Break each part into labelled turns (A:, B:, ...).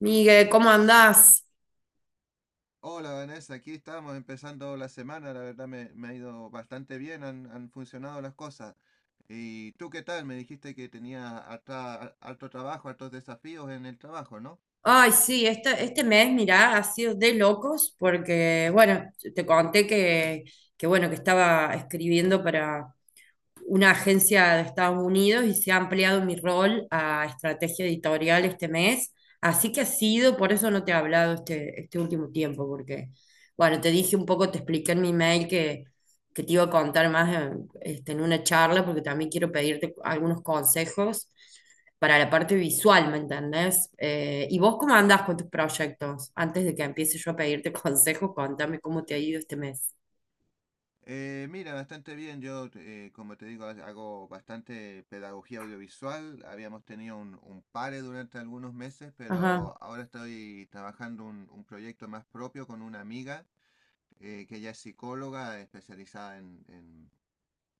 A: Miguel, ¿cómo andás?
B: Hola Vanessa, aquí estamos empezando la semana, la verdad me ha ido bastante bien, han funcionado las cosas. ¿Y tú qué tal? Me dijiste que tenía harto trabajo, hartos desafíos en el trabajo, ¿no?
A: Ay, sí, este mes, mirá, ha sido de locos porque, bueno, te conté que bueno, que estaba escribiendo para una agencia de Estados Unidos y se ha ampliado mi rol a estrategia editorial este mes. Así que ha sido, por eso no te he hablado este último tiempo, porque, bueno, te dije un poco, te expliqué en mi mail que te iba a contar más en, este, en una charla, porque también quiero pedirte algunos consejos para la parte visual, ¿me entendés? ¿Y vos cómo andás con tus proyectos? Antes de que empiece yo a pedirte consejos, contame cómo te ha ido este mes.
B: Mira, bastante bien, yo como te digo, hago bastante pedagogía audiovisual, habíamos tenido un pare durante algunos meses,
A: Ajá,
B: pero ahora estoy trabajando un proyecto más propio con una amiga que ella es psicóloga especializada en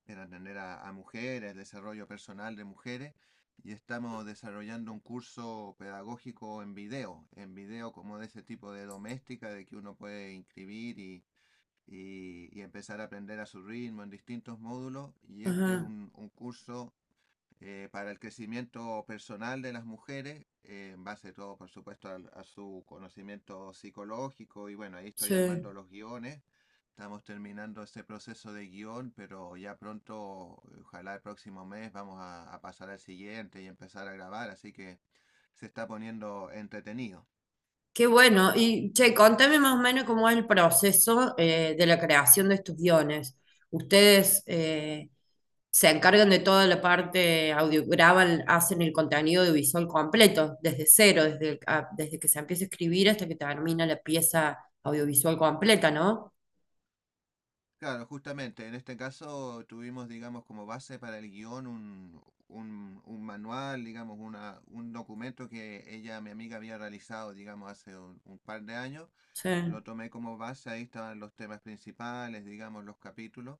B: en atender a mujeres, el desarrollo personal de mujeres, y estamos desarrollando un curso pedagógico en video como de ese tipo de doméstica, de que uno puede inscribir y empezar a aprender a su ritmo en distintos módulos, y este es
A: ajá,
B: un curso para el crecimiento personal de las mujeres, en base todo, por supuesto, a su conocimiento psicológico. Y bueno, ahí estoy
A: sí.
B: armando los guiones. Estamos terminando este proceso de guión, pero ya pronto, ojalá el próximo mes, vamos a pasar al siguiente y empezar a grabar. Así que se está poniendo entretenido.
A: Qué bueno. Y, che, contame más o menos cómo es el proceso de la creación de estos guiones. Ustedes se encargan de toda la parte audio, graban, hacen el contenido audiovisual completo, desde cero, desde, desde que se empieza a escribir hasta que termina la pieza audiovisual completa, ¿no?
B: Claro, justamente, en este caso tuvimos, digamos, como base para el guión un manual, digamos, un documento que ella, mi amiga, había realizado, digamos, hace un par de años.
A: Sí.
B: Lo tomé como base, ahí estaban los temas principales, digamos, los capítulos.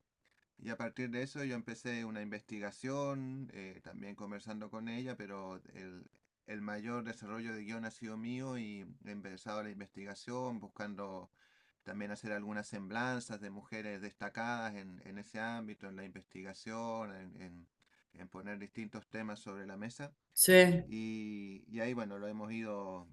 B: Y a partir de eso yo empecé una investigación, también conversando con ella, pero el mayor desarrollo de guión ha sido mío y he empezado la investigación buscando también hacer algunas semblanzas de mujeres destacadas en ese ámbito, en la investigación, en poner distintos temas sobre la mesa.
A: Sí,
B: Y ahí, bueno, lo hemos ido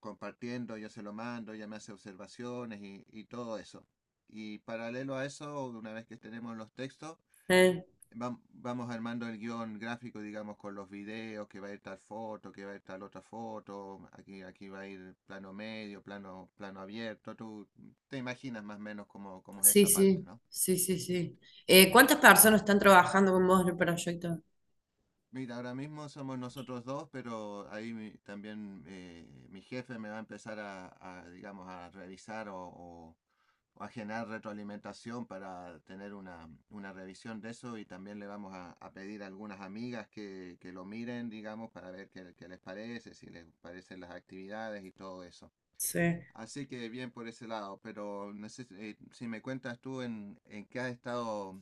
B: compartiendo, yo se lo mando, ella me hace observaciones y todo eso. Y paralelo a eso, una vez que tenemos los textos,
A: eh,
B: Vamos armando el guión gráfico, digamos, con los videos, que va a ir tal foto, que va a ir tal otra foto, aquí, aquí va a ir plano medio, plano, plano abierto. Tú te imaginas más o menos cómo, cómo es
A: sí,
B: esa parte,
A: sí,
B: ¿no?
A: sí, sí, sí. ¿Cuántas personas están trabajando con vos en el proyecto?
B: Mira, ahora mismo somos nosotros dos, pero ahí también mi jefe me va a empezar digamos, a revisar o a generar retroalimentación para tener una revisión de eso y también le vamos a pedir a algunas amigas que lo miren, digamos, para ver qué, qué les parece, si les parecen las actividades y todo eso.
A: Sí,
B: Así que bien por ese lado, pero no sé si si me cuentas tú en qué has estado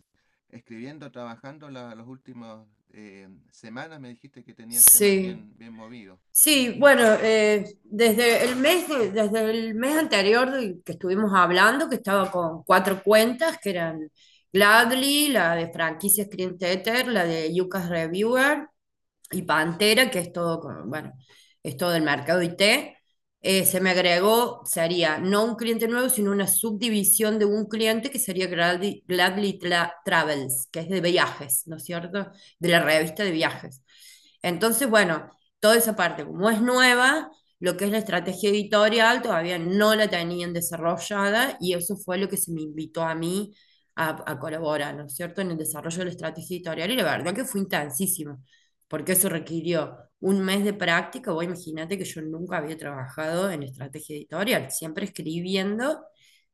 B: escribiendo, trabajando las últimas semanas, me dijiste que tenías temas
A: sí,
B: bien, bien movidos.
A: sí, bueno, desde el desde el mes anterior que estuvimos hablando, que estaba con cuatro cuentas, que eran Gladly, la de franquicias Clienteter, la de Yucas Reviewer y
B: Sí,
A: Pantera, que es todo, bueno, es todo el mercado IT, se me agregó, sería no un cliente nuevo, sino una subdivisión de un cliente que sería Gladly, Travels, que es de viajes, ¿no es cierto? De la revista de viajes. Entonces, bueno, toda esa parte, como es nueva, lo que es la estrategia editorial todavía no la tenían desarrollada y eso fue lo que se me invitó a mí a colaborar, ¿no es cierto?, en el desarrollo de la estrategia editorial y la verdad que fue intensísimo porque eso requirió un mes de práctica. Vos imagínate que yo nunca había trabajado en estrategia editorial, siempre escribiendo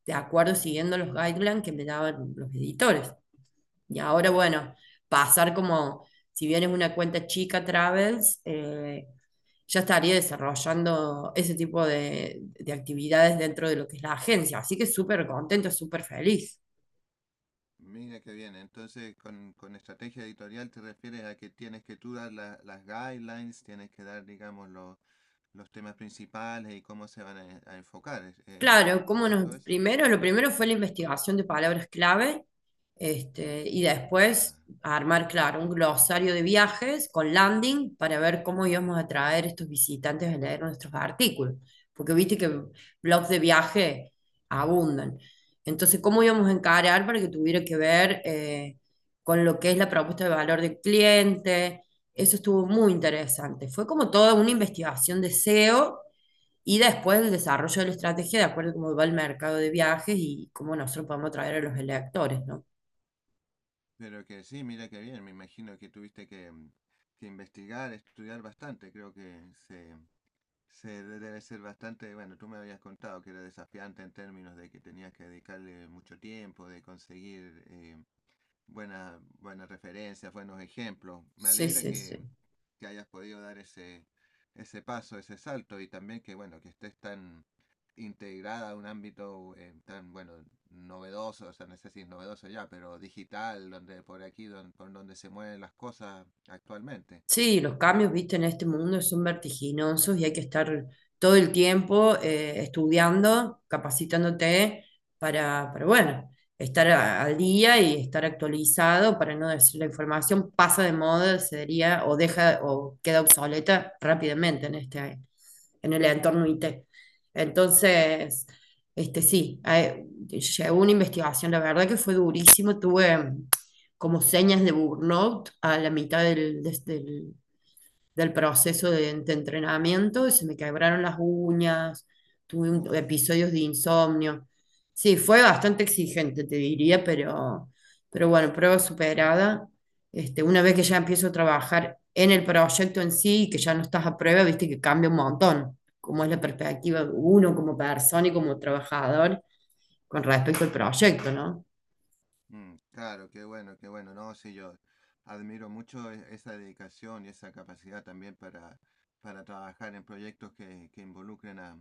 A: de acuerdo, siguiendo los guidelines que me daban los editores. Y ahora,
B: ya.
A: bueno, pasar como, si bien es una cuenta chica Travels, ya estaría desarrollando ese tipo de actividades dentro de lo que es la agencia. Así que súper contento, súper feliz.
B: Mira qué bien, entonces con estrategia editorial te refieres a que tienes que tú dar las guidelines, tienes que dar, digamos, los temas principales y cómo se van a enfocar, es
A: Claro, cómo
B: correcto
A: nos,
B: eso?
A: primero, lo primero fue la investigación de palabras clave, este, y
B: Ah.
A: después armar, claro, un glosario de viajes con landing para ver cómo íbamos a traer estos visitantes a leer nuestros artículos, porque viste que blogs de viaje abundan. Entonces, ¿cómo íbamos a encarar para que tuviera que ver con lo que es la propuesta de valor del cliente? Eso estuvo muy interesante. Fue como toda una investigación de SEO y después el desarrollo de la estrategia de acuerdo a cómo va el mercado de viajes y cómo nosotros podemos atraer a los electores, ¿no?
B: Pero que sí, mira que bien, me imagino que tuviste que, que investigar, estudiar bastante, creo que se, se debe ser bastante, bueno, tú me habías contado que era desafiante en términos de que tenías que dedicarle mucho tiempo, de conseguir buena, buenas referencias, buenos ejemplos. Me
A: Sí,
B: alegra
A: sí, sí.
B: que hayas podido dar ese paso, ese salto y también que, bueno, que estés tan integrada a un ámbito tan, bueno, novedoso, o sea, no sé si es novedoso ya, pero digital, donde por aquí, por donde se mueven las cosas actualmente.
A: Sí, los cambios, viste, en este mundo son vertiginosos y hay que estar todo el tiempo estudiando, capacitándote para, bueno, estar al día y estar actualizado para no decir la información pasa de moda, se diría, o deja o queda obsoleta rápidamente en este, en el entorno IT. Entonces, este sí, llevo una investigación, la verdad que fue durísimo, tuve como señas de burnout a la mitad del proceso de entrenamiento, y se me quebraron las uñas, tuve
B: Uf.
A: episodios de insomnio. Sí, fue bastante exigente, te diría, pero bueno, prueba superada. Este, una vez que ya empiezo a trabajar en el proyecto en sí y que ya no estás a prueba, viste que cambia un montón, cómo es la perspectiva de uno como persona y como trabajador con respecto al proyecto, ¿no?
B: Mm, claro, qué bueno, qué bueno. No, sí, yo admiro mucho esa dedicación y esa capacidad también para trabajar en proyectos que involucren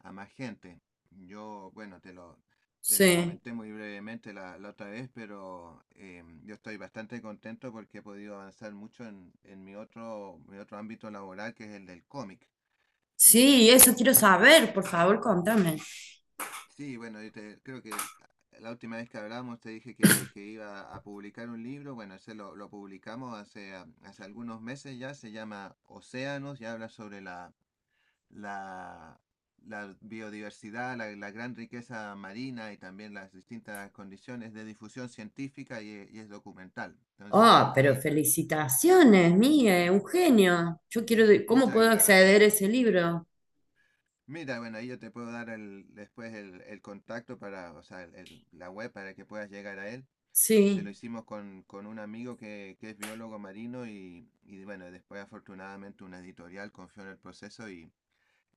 B: a más gente. Yo, bueno, te lo
A: Sí.
B: comenté muy brevemente la otra vez, pero yo estoy bastante contento porque he podido avanzar mucho en mi otro ámbito laboral, que es el del cómic.
A: Sí, eso quiero saber, por favor, contame.
B: Sí, bueno, creo que la última vez que hablamos te dije que iba a publicar un libro. Bueno, ese lo publicamos hace, ah, hace algunos meses ya. Se llama Océanos y habla sobre la, la biodiversidad, la gran riqueza marina y también las distintas condiciones de difusión científica y es documental.
A: Oh,
B: Entonces,
A: pero
B: ahí está.
A: felicitaciones, mía, un genio. Yo quiero, ¿cómo
B: Muchas
A: puedo
B: gracias.
A: acceder a ese libro?
B: Mira, bueno, ahí yo te puedo dar el, después el contacto para, o sea, la web para que puedas llegar a él. Ese lo
A: Sí.
B: hicimos con un amigo que es biólogo marino y bueno, después afortunadamente una editorial confió en el proceso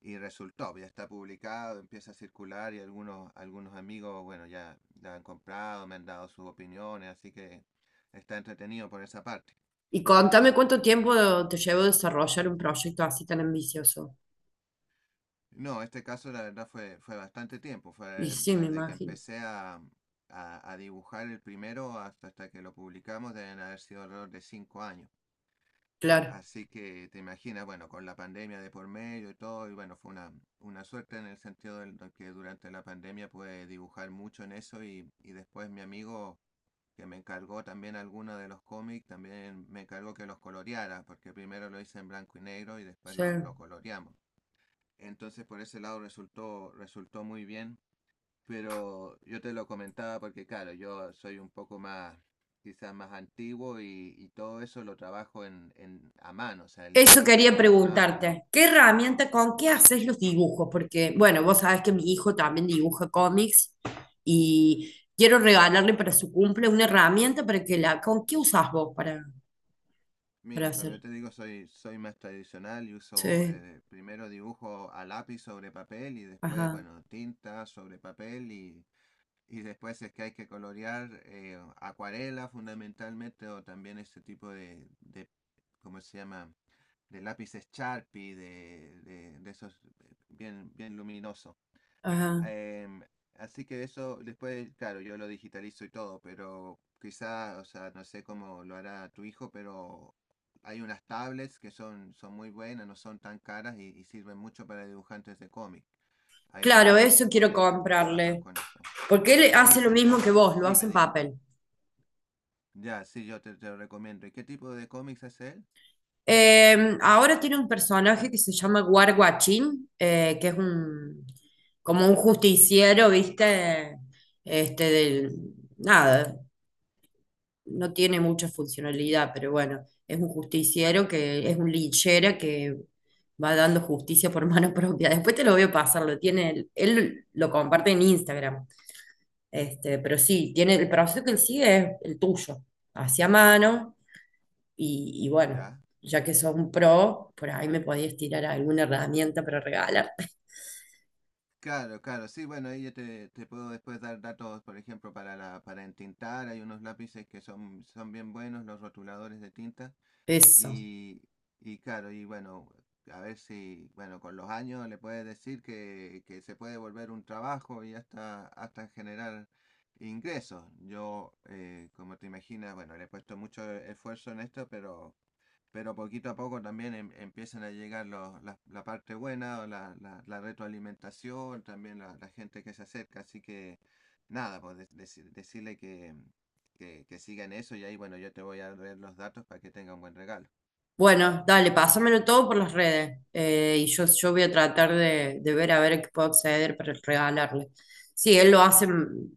B: y resultó, ya está publicado, empieza a circular y algunos, algunos amigos, bueno, ya la han comprado, me han dado sus opiniones, así que está entretenido por esa parte.
A: Y contame cuánto tiempo te llevó desarrollar un proyecto así tan ambicioso.
B: No, este caso la verdad fue, fue bastante tiempo,
A: Y
B: fue
A: sí, me
B: desde que
A: imagino.
B: empecé a dibujar el primero hasta, hasta que lo publicamos, deben haber sido alrededor de cinco años.
A: Claro,
B: Así que te imaginas, bueno, con la pandemia de por medio y todo, y bueno, fue una suerte en el sentido de que durante la pandemia pude dibujar mucho en eso y después mi amigo que me encargó también alguno de los cómics, también me encargó que los coloreara, porque primero lo hice en blanco y negro y después
A: sí.
B: lo coloreamos. Entonces por ese lado resultó, resultó muy bien. Pero yo te lo comentaba porque claro, yo soy un poco más, quizás más antiguo y todo eso lo trabajo a mano, o sea, el
A: Eso
B: dibujo lo
A: quería
B: hago a mano.
A: preguntarte. ¿Qué herramienta, con qué haces los dibujos? Porque, bueno, vos sabés que mi hijo también dibuja cómics
B: Mm.
A: y quiero regalarle para su cumple una herramienta para que la... ¿Con qué usás vos para...? Para
B: Mira, como yo
A: hacer.
B: te digo, soy, soy más tradicional y uso
A: Sí,
B: primero dibujo a lápiz sobre papel y después,
A: ajá,
B: bueno, tinta sobre papel y después es que hay que colorear acuarela fundamentalmente o también este tipo de ¿cómo se llama? De lápices Sharpie, de esos bien, bien luminosos.
A: ajá.
B: Em, Así que eso después, claro, yo lo digitalizo y todo, pero quizá, o sea, no sé cómo lo hará tu hijo, pero hay unas tablets que son, son muy buenas, no son tan caras y sirven mucho para dibujantes de cómic. Hay
A: Claro,
B: varios
A: eso quiero
B: colegas que trabajan
A: comprarle.
B: con eso.
A: Porque él hace
B: Sí,
A: lo mismo
B: sería.
A: que vos, lo hace
B: Dime,
A: en
B: dime.
A: papel.
B: Ya, sí, te lo recomiendo. ¿Y qué tipo de cómics es él?
A: Ahora tiene un personaje que se llama Warguachín, que es un como un justiciero, ¿viste? Este del nada, no tiene mucha funcionalidad, pero bueno, es un justiciero que es un linchera que va dando justicia por mano propia. Después te lo voy a pasar, lo tiene, él lo comparte en Instagram. Este, pero sí, tiene el proceso que él sigue es el tuyo, hacia mano, y bueno,
B: Ya.
A: ya que sos un pro, por ahí me podías tirar alguna herramienta para regalar.
B: Claro, claro, sí, bueno, ahí te puedo después dar datos, por ejemplo, para la, para entintar, hay unos lápices que son, son bien buenos, los rotuladores de tinta,
A: Eso.
B: y, y claro, y bueno, a ver si, bueno, con los años le puedes decir que se puede volver un trabajo y hasta, hasta generar ingresos. Yo, como te imaginas, bueno, le he puesto mucho esfuerzo en esto, pero poquito a poco también empiezan a llegar los, la parte buena, o la retroalimentación, también la gente que se acerca, así que nada, pues decirle que, que sigan eso y ahí bueno, yo te voy a ver los datos para que tenga un buen regalo.
A: Bueno, dale, pásamelo todo por las redes. Y yo voy a tratar de ver a ver qué puedo acceder para regalarle. Sí, él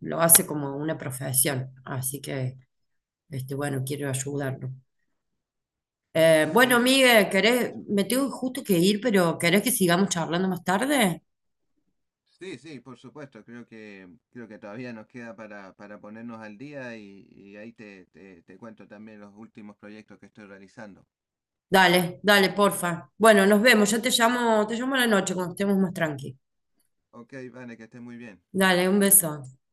A: lo hace como una profesión, así que, este, bueno, quiero ayudarlo. Bueno,
B: Sí, me
A: Miguel,
B: alegro
A: ¿querés?
B: mucho.
A: Me tengo justo que ir, pero ¿querés que sigamos charlando más tarde?
B: Sí, sí, por supuesto, creo que todavía nos queda para ponernos al día y ahí te cuento también los últimos proyectos que estoy realizando.
A: Dale, dale, porfa. Bueno, nos vemos. Yo te llamo a la noche cuando estemos más tranqui.
B: Ok, Vane, que estés muy bien.
A: Dale, un beso.